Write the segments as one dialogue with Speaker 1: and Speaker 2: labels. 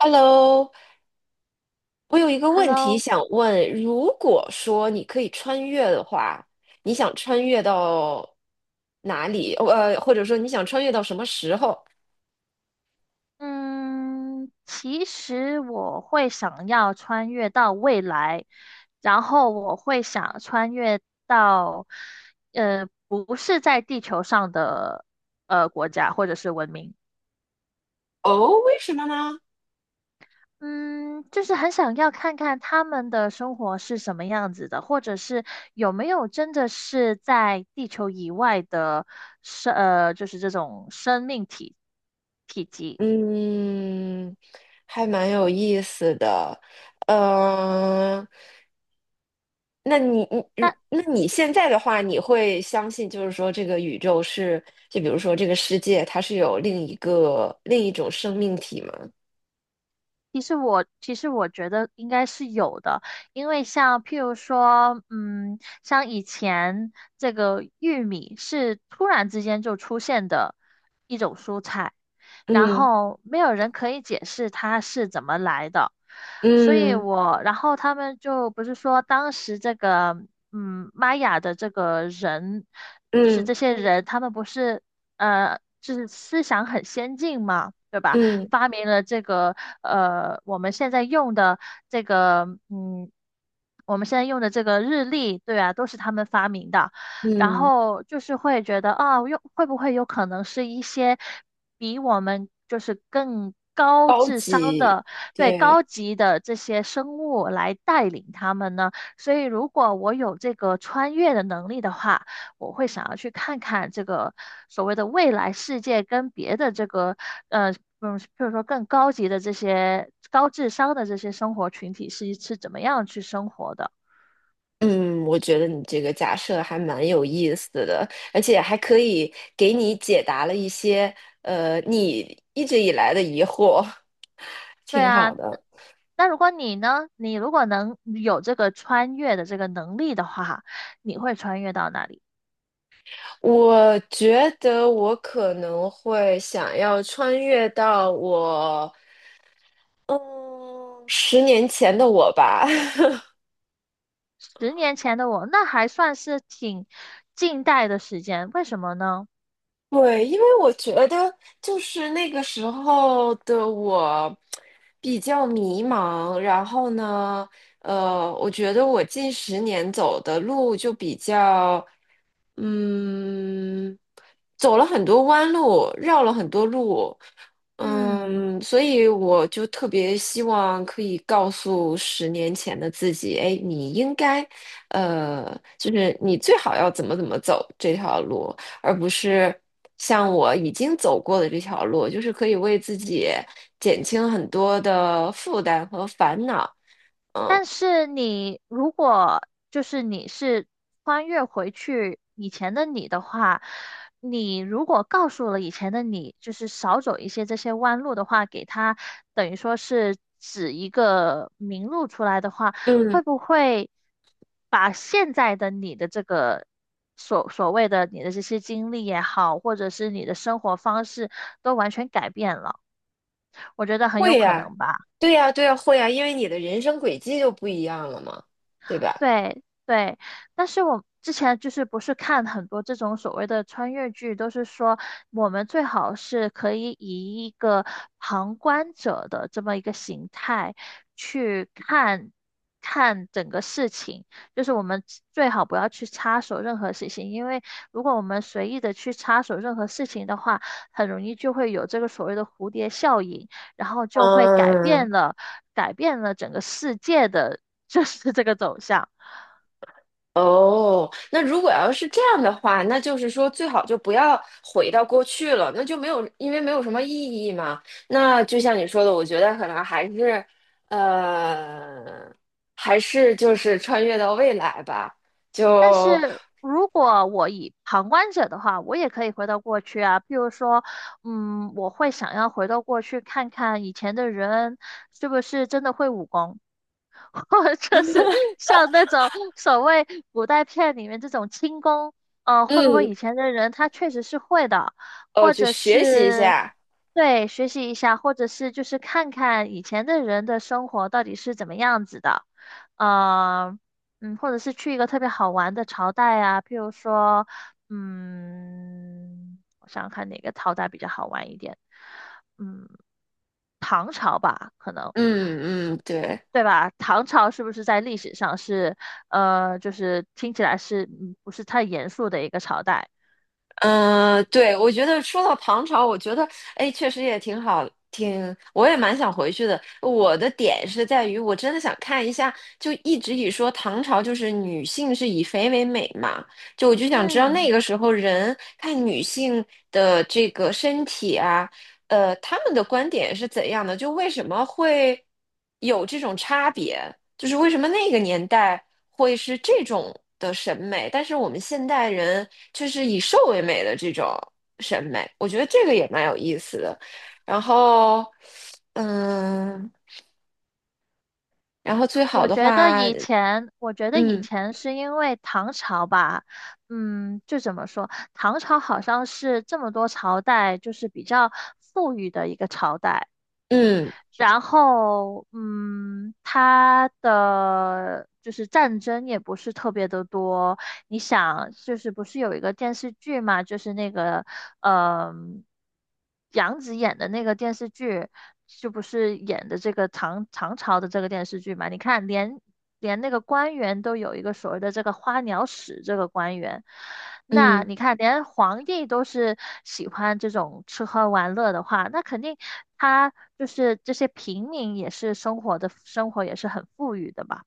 Speaker 1: Hello，我有一个问题
Speaker 2: Hello，
Speaker 1: 想问：如果说你可以穿越的话，你想穿越到哪里？或者说你想穿越到什么时候？
Speaker 2: 嗯，其实我会想要穿越到未来，然后我会想穿越到，不是在地球上的国家或者是文明。
Speaker 1: 哦，为什么呢？
Speaker 2: 嗯，就是很想要看看他们的生活是什么样子的，或者是有没有真的是在地球以外的就是这种生命体体积。
Speaker 1: 嗯，还蛮有意思的。呃，那你现在的话，你会相信就是说这个宇宙是，就比如说这个世界，它是有另一种生命体吗？
Speaker 2: 其实我觉得应该是有的，因为像譬如说，像以前这个玉米是突然之间就出现的一种蔬菜，然
Speaker 1: 嗯。
Speaker 2: 后没有人可以解释它是怎么来的。所以
Speaker 1: 嗯
Speaker 2: 我，然后他们就不是说当时这个，玛雅的这个人，就是
Speaker 1: 嗯
Speaker 2: 这些人，他们不是，就是思想很先进嘛，对吧？
Speaker 1: 嗯
Speaker 2: 发明了这个，我们现在用的这个，我们现在用的这个日历，对啊，都是他们发明的。然
Speaker 1: 嗯，
Speaker 2: 后就是会觉得啊，有会不会有可能是一些比我们就是更高
Speaker 1: 高
Speaker 2: 智商
Speaker 1: 级，
Speaker 2: 的，对，
Speaker 1: 对，
Speaker 2: 高级的这些生物来带领他们呢。所以，如果我有这个穿越的能力的话，我会想要去看看这个所谓的未来世界跟别的这个呃。譬如说更高级的这些高智商的这些生活群体是怎么样去生活的？
Speaker 1: 嗯，我觉得你这个假设还蛮有意思的，而且还可以给你解答了一些你一直以来的疑惑，
Speaker 2: 对
Speaker 1: 挺
Speaker 2: 啊，
Speaker 1: 好的。
Speaker 2: 那如果你呢？你如果能有这个穿越的这个能力的话，你会穿越到哪里？
Speaker 1: 我觉得我可能会想要穿越到嗯十年前的我吧，
Speaker 2: 十年前的我，那还算是挺近代的时间，为什么呢？
Speaker 1: 对，因为我觉得就是那个时候的我比较迷茫，然后呢，我觉得我近十年走的路就比较，嗯，走了很多弯路，绕了很多路，
Speaker 2: 嗯。
Speaker 1: 所以我就特别希望可以告诉十年前的自己，哎，你应该，就是你最好要怎么走这条路。而不是像我已经走过的这条路，就是可以为自己减轻很多的负担和烦恼。嗯
Speaker 2: 但是你如果就是你是穿越回去以前的你的话，你如果告诉了以前的你，就是少走一些这些弯路的话，给他等于说是指一个明路出来的话，会
Speaker 1: 嗯，
Speaker 2: 不会把现在的你的这个所谓的你的这些经历也好，或者是你的生活方式都完全改变了？我觉得很有
Speaker 1: 会
Speaker 2: 可
Speaker 1: 呀，
Speaker 2: 能吧。
Speaker 1: 对呀，对呀，会呀，因为你的人生轨迹就不一样了嘛，对吧？
Speaker 2: 对对，但是我之前就是不是看很多这种所谓的穿越剧，都是说我们最好是可以以一个旁观者的这么一个形态去看看整个事情，就是我们最好不要去插手任何事情，因为如果我们随意的去插手任何事情的话，很容易就会有这个所谓的蝴蝶效应，然后就会改
Speaker 1: 嗯，
Speaker 2: 变了改变了整个世界的。就是这个走向。
Speaker 1: 哦，那如果要是这样的话，那就是说最好就不要回到过去了，那就没有，因为没有什么意义嘛。那就像你说的，我觉得可能还是，呃，还是就是穿越到未来吧，
Speaker 2: 但
Speaker 1: 就，
Speaker 2: 是如果我以旁观者的话，我也可以回到过去啊。譬如说，我会想要回到过去看看以前的人是不是真的会武功。或者 就是像那种所谓古代片里面这种轻功，会不会
Speaker 1: 嗯，
Speaker 2: 以前的人他确实是会的，
Speaker 1: 哦，
Speaker 2: 或
Speaker 1: 就
Speaker 2: 者
Speaker 1: 学习一
Speaker 2: 是
Speaker 1: 下，
Speaker 2: 对学习一下，或者是就是看看以前的人的生活到底是怎么样子的，呃，或者是去一个特别好玩的朝代啊。譬如说，我想想看哪个朝代比较好玩一点，嗯，唐朝吧，可能。
Speaker 1: 嗯嗯，对。
Speaker 2: 对吧？唐朝是不是在历史上是，就是听起来是不是太严肃的一个朝代？
Speaker 1: 嗯，对，我觉得说到唐朝，我觉得哎，确实也挺好，我也蛮想回去的。我的点是在于，我真的想看一下，就一直以说唐朝就是女性是以肥为美嘛，就我就想知道
Speaker 2: 嗯，
Speaker 1: 那个时候人看女性的这个身体啊，他们的观点是怎样的，就为什么会有这种差别？就是为什么那个年代会是这种的审美，但是我们现代人却是以瘦为美的这种审美，我觉得这个也蛮有意思的。然后，嗯，然后最好的话，
Speaker 2: 我觉得以
Speaker 1: 嗯
Speaker 2: 前是因为唐朝吧，就怎么说，唐朝好像是这么多朝代就是比较富裕的一个朝代。
Speaker 1: 嗯
Speaker 2: 然后，它的就是战争也不是特别的多。你想，就是不是有一个电视剧嘛？就是那个，嗯、杨紫演的那个电视剧，就不是演的这个唐朝的这个电视剧嘛？你看，连那个官员都有一个所谓的这个花鸟使这个官员。那
Speaker 1: 嗯
Speaker 2: 你看，连皇帝都是喜欢这种吃喝玩乐的话，那肯定他就是这些平民也是生活也是很富裕的吧？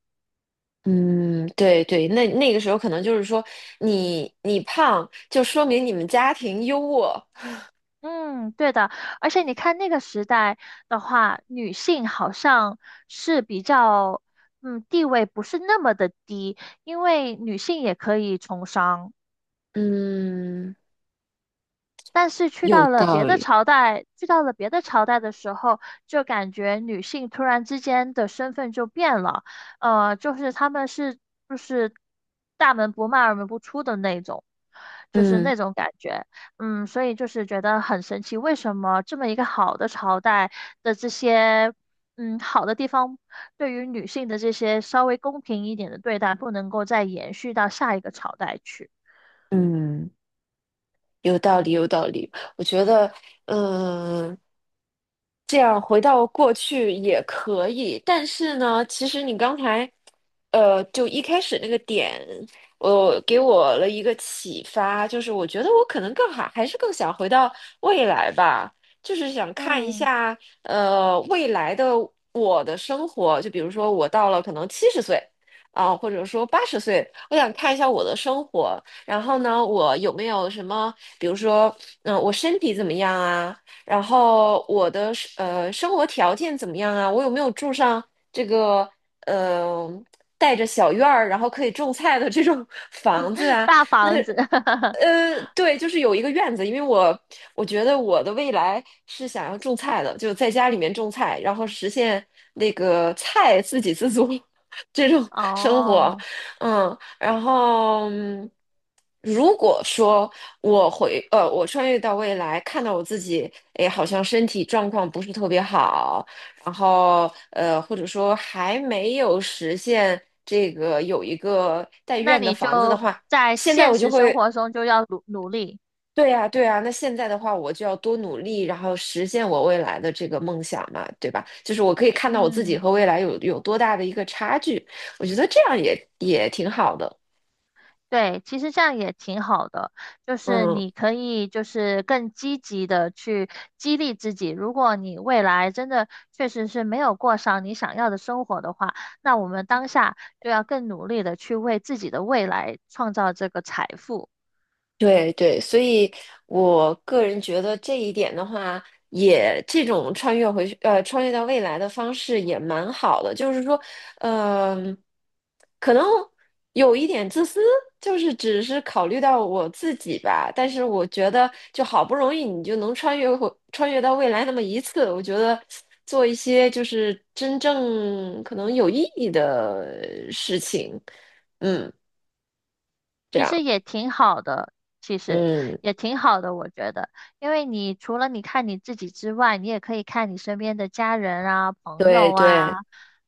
Speaker 1: 嗯，对对，那个时候可能就是说你你胖，就说明你们家庭优渥，
Speaker 2: 嗯，对的。而且你看那个时代的话，女性好像是比较，地位不是那么的低，因为女性也可以从商。
Speaker 1: 嗯，
Speaker 2: 但是
Speaker 1: 有道理，
Speaker 2: 去到了别的朝代的时候，就感觉女性突然之间的身份就变了，就是她们是就是大门不迈二门不出的那种，就是
Speaker 1: 嗯
Speaker 2: 那种感觉。所以就是觉得很神奇，为什么这么一个好的朝代的这些。好的地方对于女性的这些稍微公平一点的对待，不能够再延续到下一个朝代去。
Speaker 1: 嗯。有道理，有道理。我觉得，嗯，这样回到过去也可以，但是呢，其实你刚才，就一开始那个点，我给我了一个启发，就是我觉得我可能更好，还是更想回到未来吧，就是想看一
Speaker 2: 嗯，
Speaker 1: 下，未来的我的生活，就比如说我到了可能70岁啊，或者说80岁，我想看一下我的生活。然后呢，我有没有什么，比如说，我身体怎么样啊？然后我的生活条件怎么样啊？我有没有住上这个呃带着小院儿，然后可以种菜的这种 房子 啊？
Speaker 2: 大
Speaker 1: 那
Speaker 2: 房子。
Speaker 1: 对，就是有一个院子，因为我觉得我的未来是想要种菜的，就在家里面种菜，然后实现那个菜自给自足 这种生活，
Speaker 2: 哦，
Speaker 1: 嗯。然后，如果说我穿越到未来，看到我自己，哎，好像身体状况不是特别好，然后或者说还没有实现这个有一个带
Speaker 2: 那
Speaker 1: 院的
Speaker 2: 你
Speaker 1: 房子的
Speaker 2: 就
Speaker 1: 话，
Speaker 2: 在
Speaker 1: 现在
Speaker 2: 现
Speaker 1: 我就
Speaker 2: 实生
Speaker 1: 会，
Speaker 2: 活中就要努努力。
Speaker 1: 对呀，对呀，那现在的话，我就要多努力，然后实现我未来的这个梦想嘛，对吧？就是我可以看到我自己和
Speaker 2: 嗯，
Speaker 1: 未来有多大的一个差距，我觉得这样也也挺好的，
Speaker 2: 对，其实这样也挺好的，就是
Speaker 1: 嗯。
Speaker 2: 你可以就是更积极的去激励自己。如果你未来真的确实是没有过上你想要的生活的话，那我们当下就要更努力的去为自己的未来创造这个财富。
Speaker 1: 对对，所以我个人觉得这一点的话，也这种穿越回去，穿越到未来的方式也蛮好的。就是说，嗯、可能有一点自私，就是只是考虑到我自己吧。但是我觉得，就好不容易你就能穿越到未来那么一次，我觉得做一些就是真正可能有意义的事情，嗯，这
Speaker 2: 其实
Speaker 1: 样，
Speaker 2: 也挺好的，其实
Speaker 1: 嗯，
Speaker 2: 我觉得，因为你除了你看你自己之外，你也可以看你身边的家人啊、朋
Speaker 1: 对
Speaker 2: 友
Speaker 1: 对。
Speaker 2: 啊，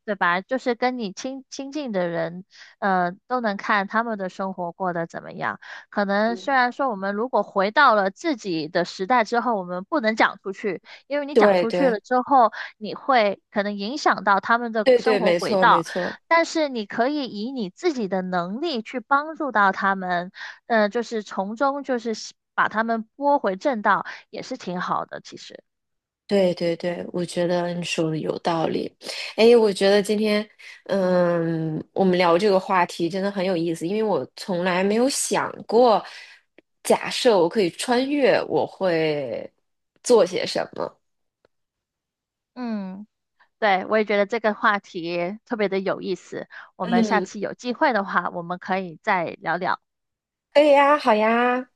Speaker 2: 对吧？就是跟你亲近的人，都能看他们的生活过得怎么样。可能虽
Speaker 1: 嗯。
Speaker 2: 然说我们如果回到了自己的时代之后，我们不能讲出去，因为你讲
Speaker 1: 对
Speaker 2: 出去
Speaker 1: 对
Speaker 2: 了之后，你会可能影响到他们的
Speaker 1: 对
Speaker 2: 生
Speaker 1: 对，
Speaker 2: 活
Speaker 1: 没
Speaker 2: 轨
Speaker 1: 错没
Speaker 2: 道。
Speaker 1: 错，
Speaker 2: 但是你可以以你自己的能力去帮助到他们，就是从中把他们拨回正道，也是挺好的，其实。
Speaker 1: 对对对，我觉得你说的有道理。哎，我觉得今天，我们聊这个话题真的很有意思，因为我从来没有想过，假设我可以穿越，我会做些什么。
Speaker 2: 嗯，对，我也觉得这个话题特别的有意思，我们下
Speaker 1: 嗯，
Speaker 2: 次有机会的话，我们可以再聊聊。
Speaker 1: 可以呀，好呀，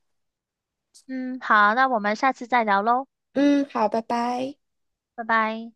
Speaker 2: 嗯，好，那我们下次再聊喽，
Speaker 1: 嗯，好，拜拜。
Speaker 2: 拜拜。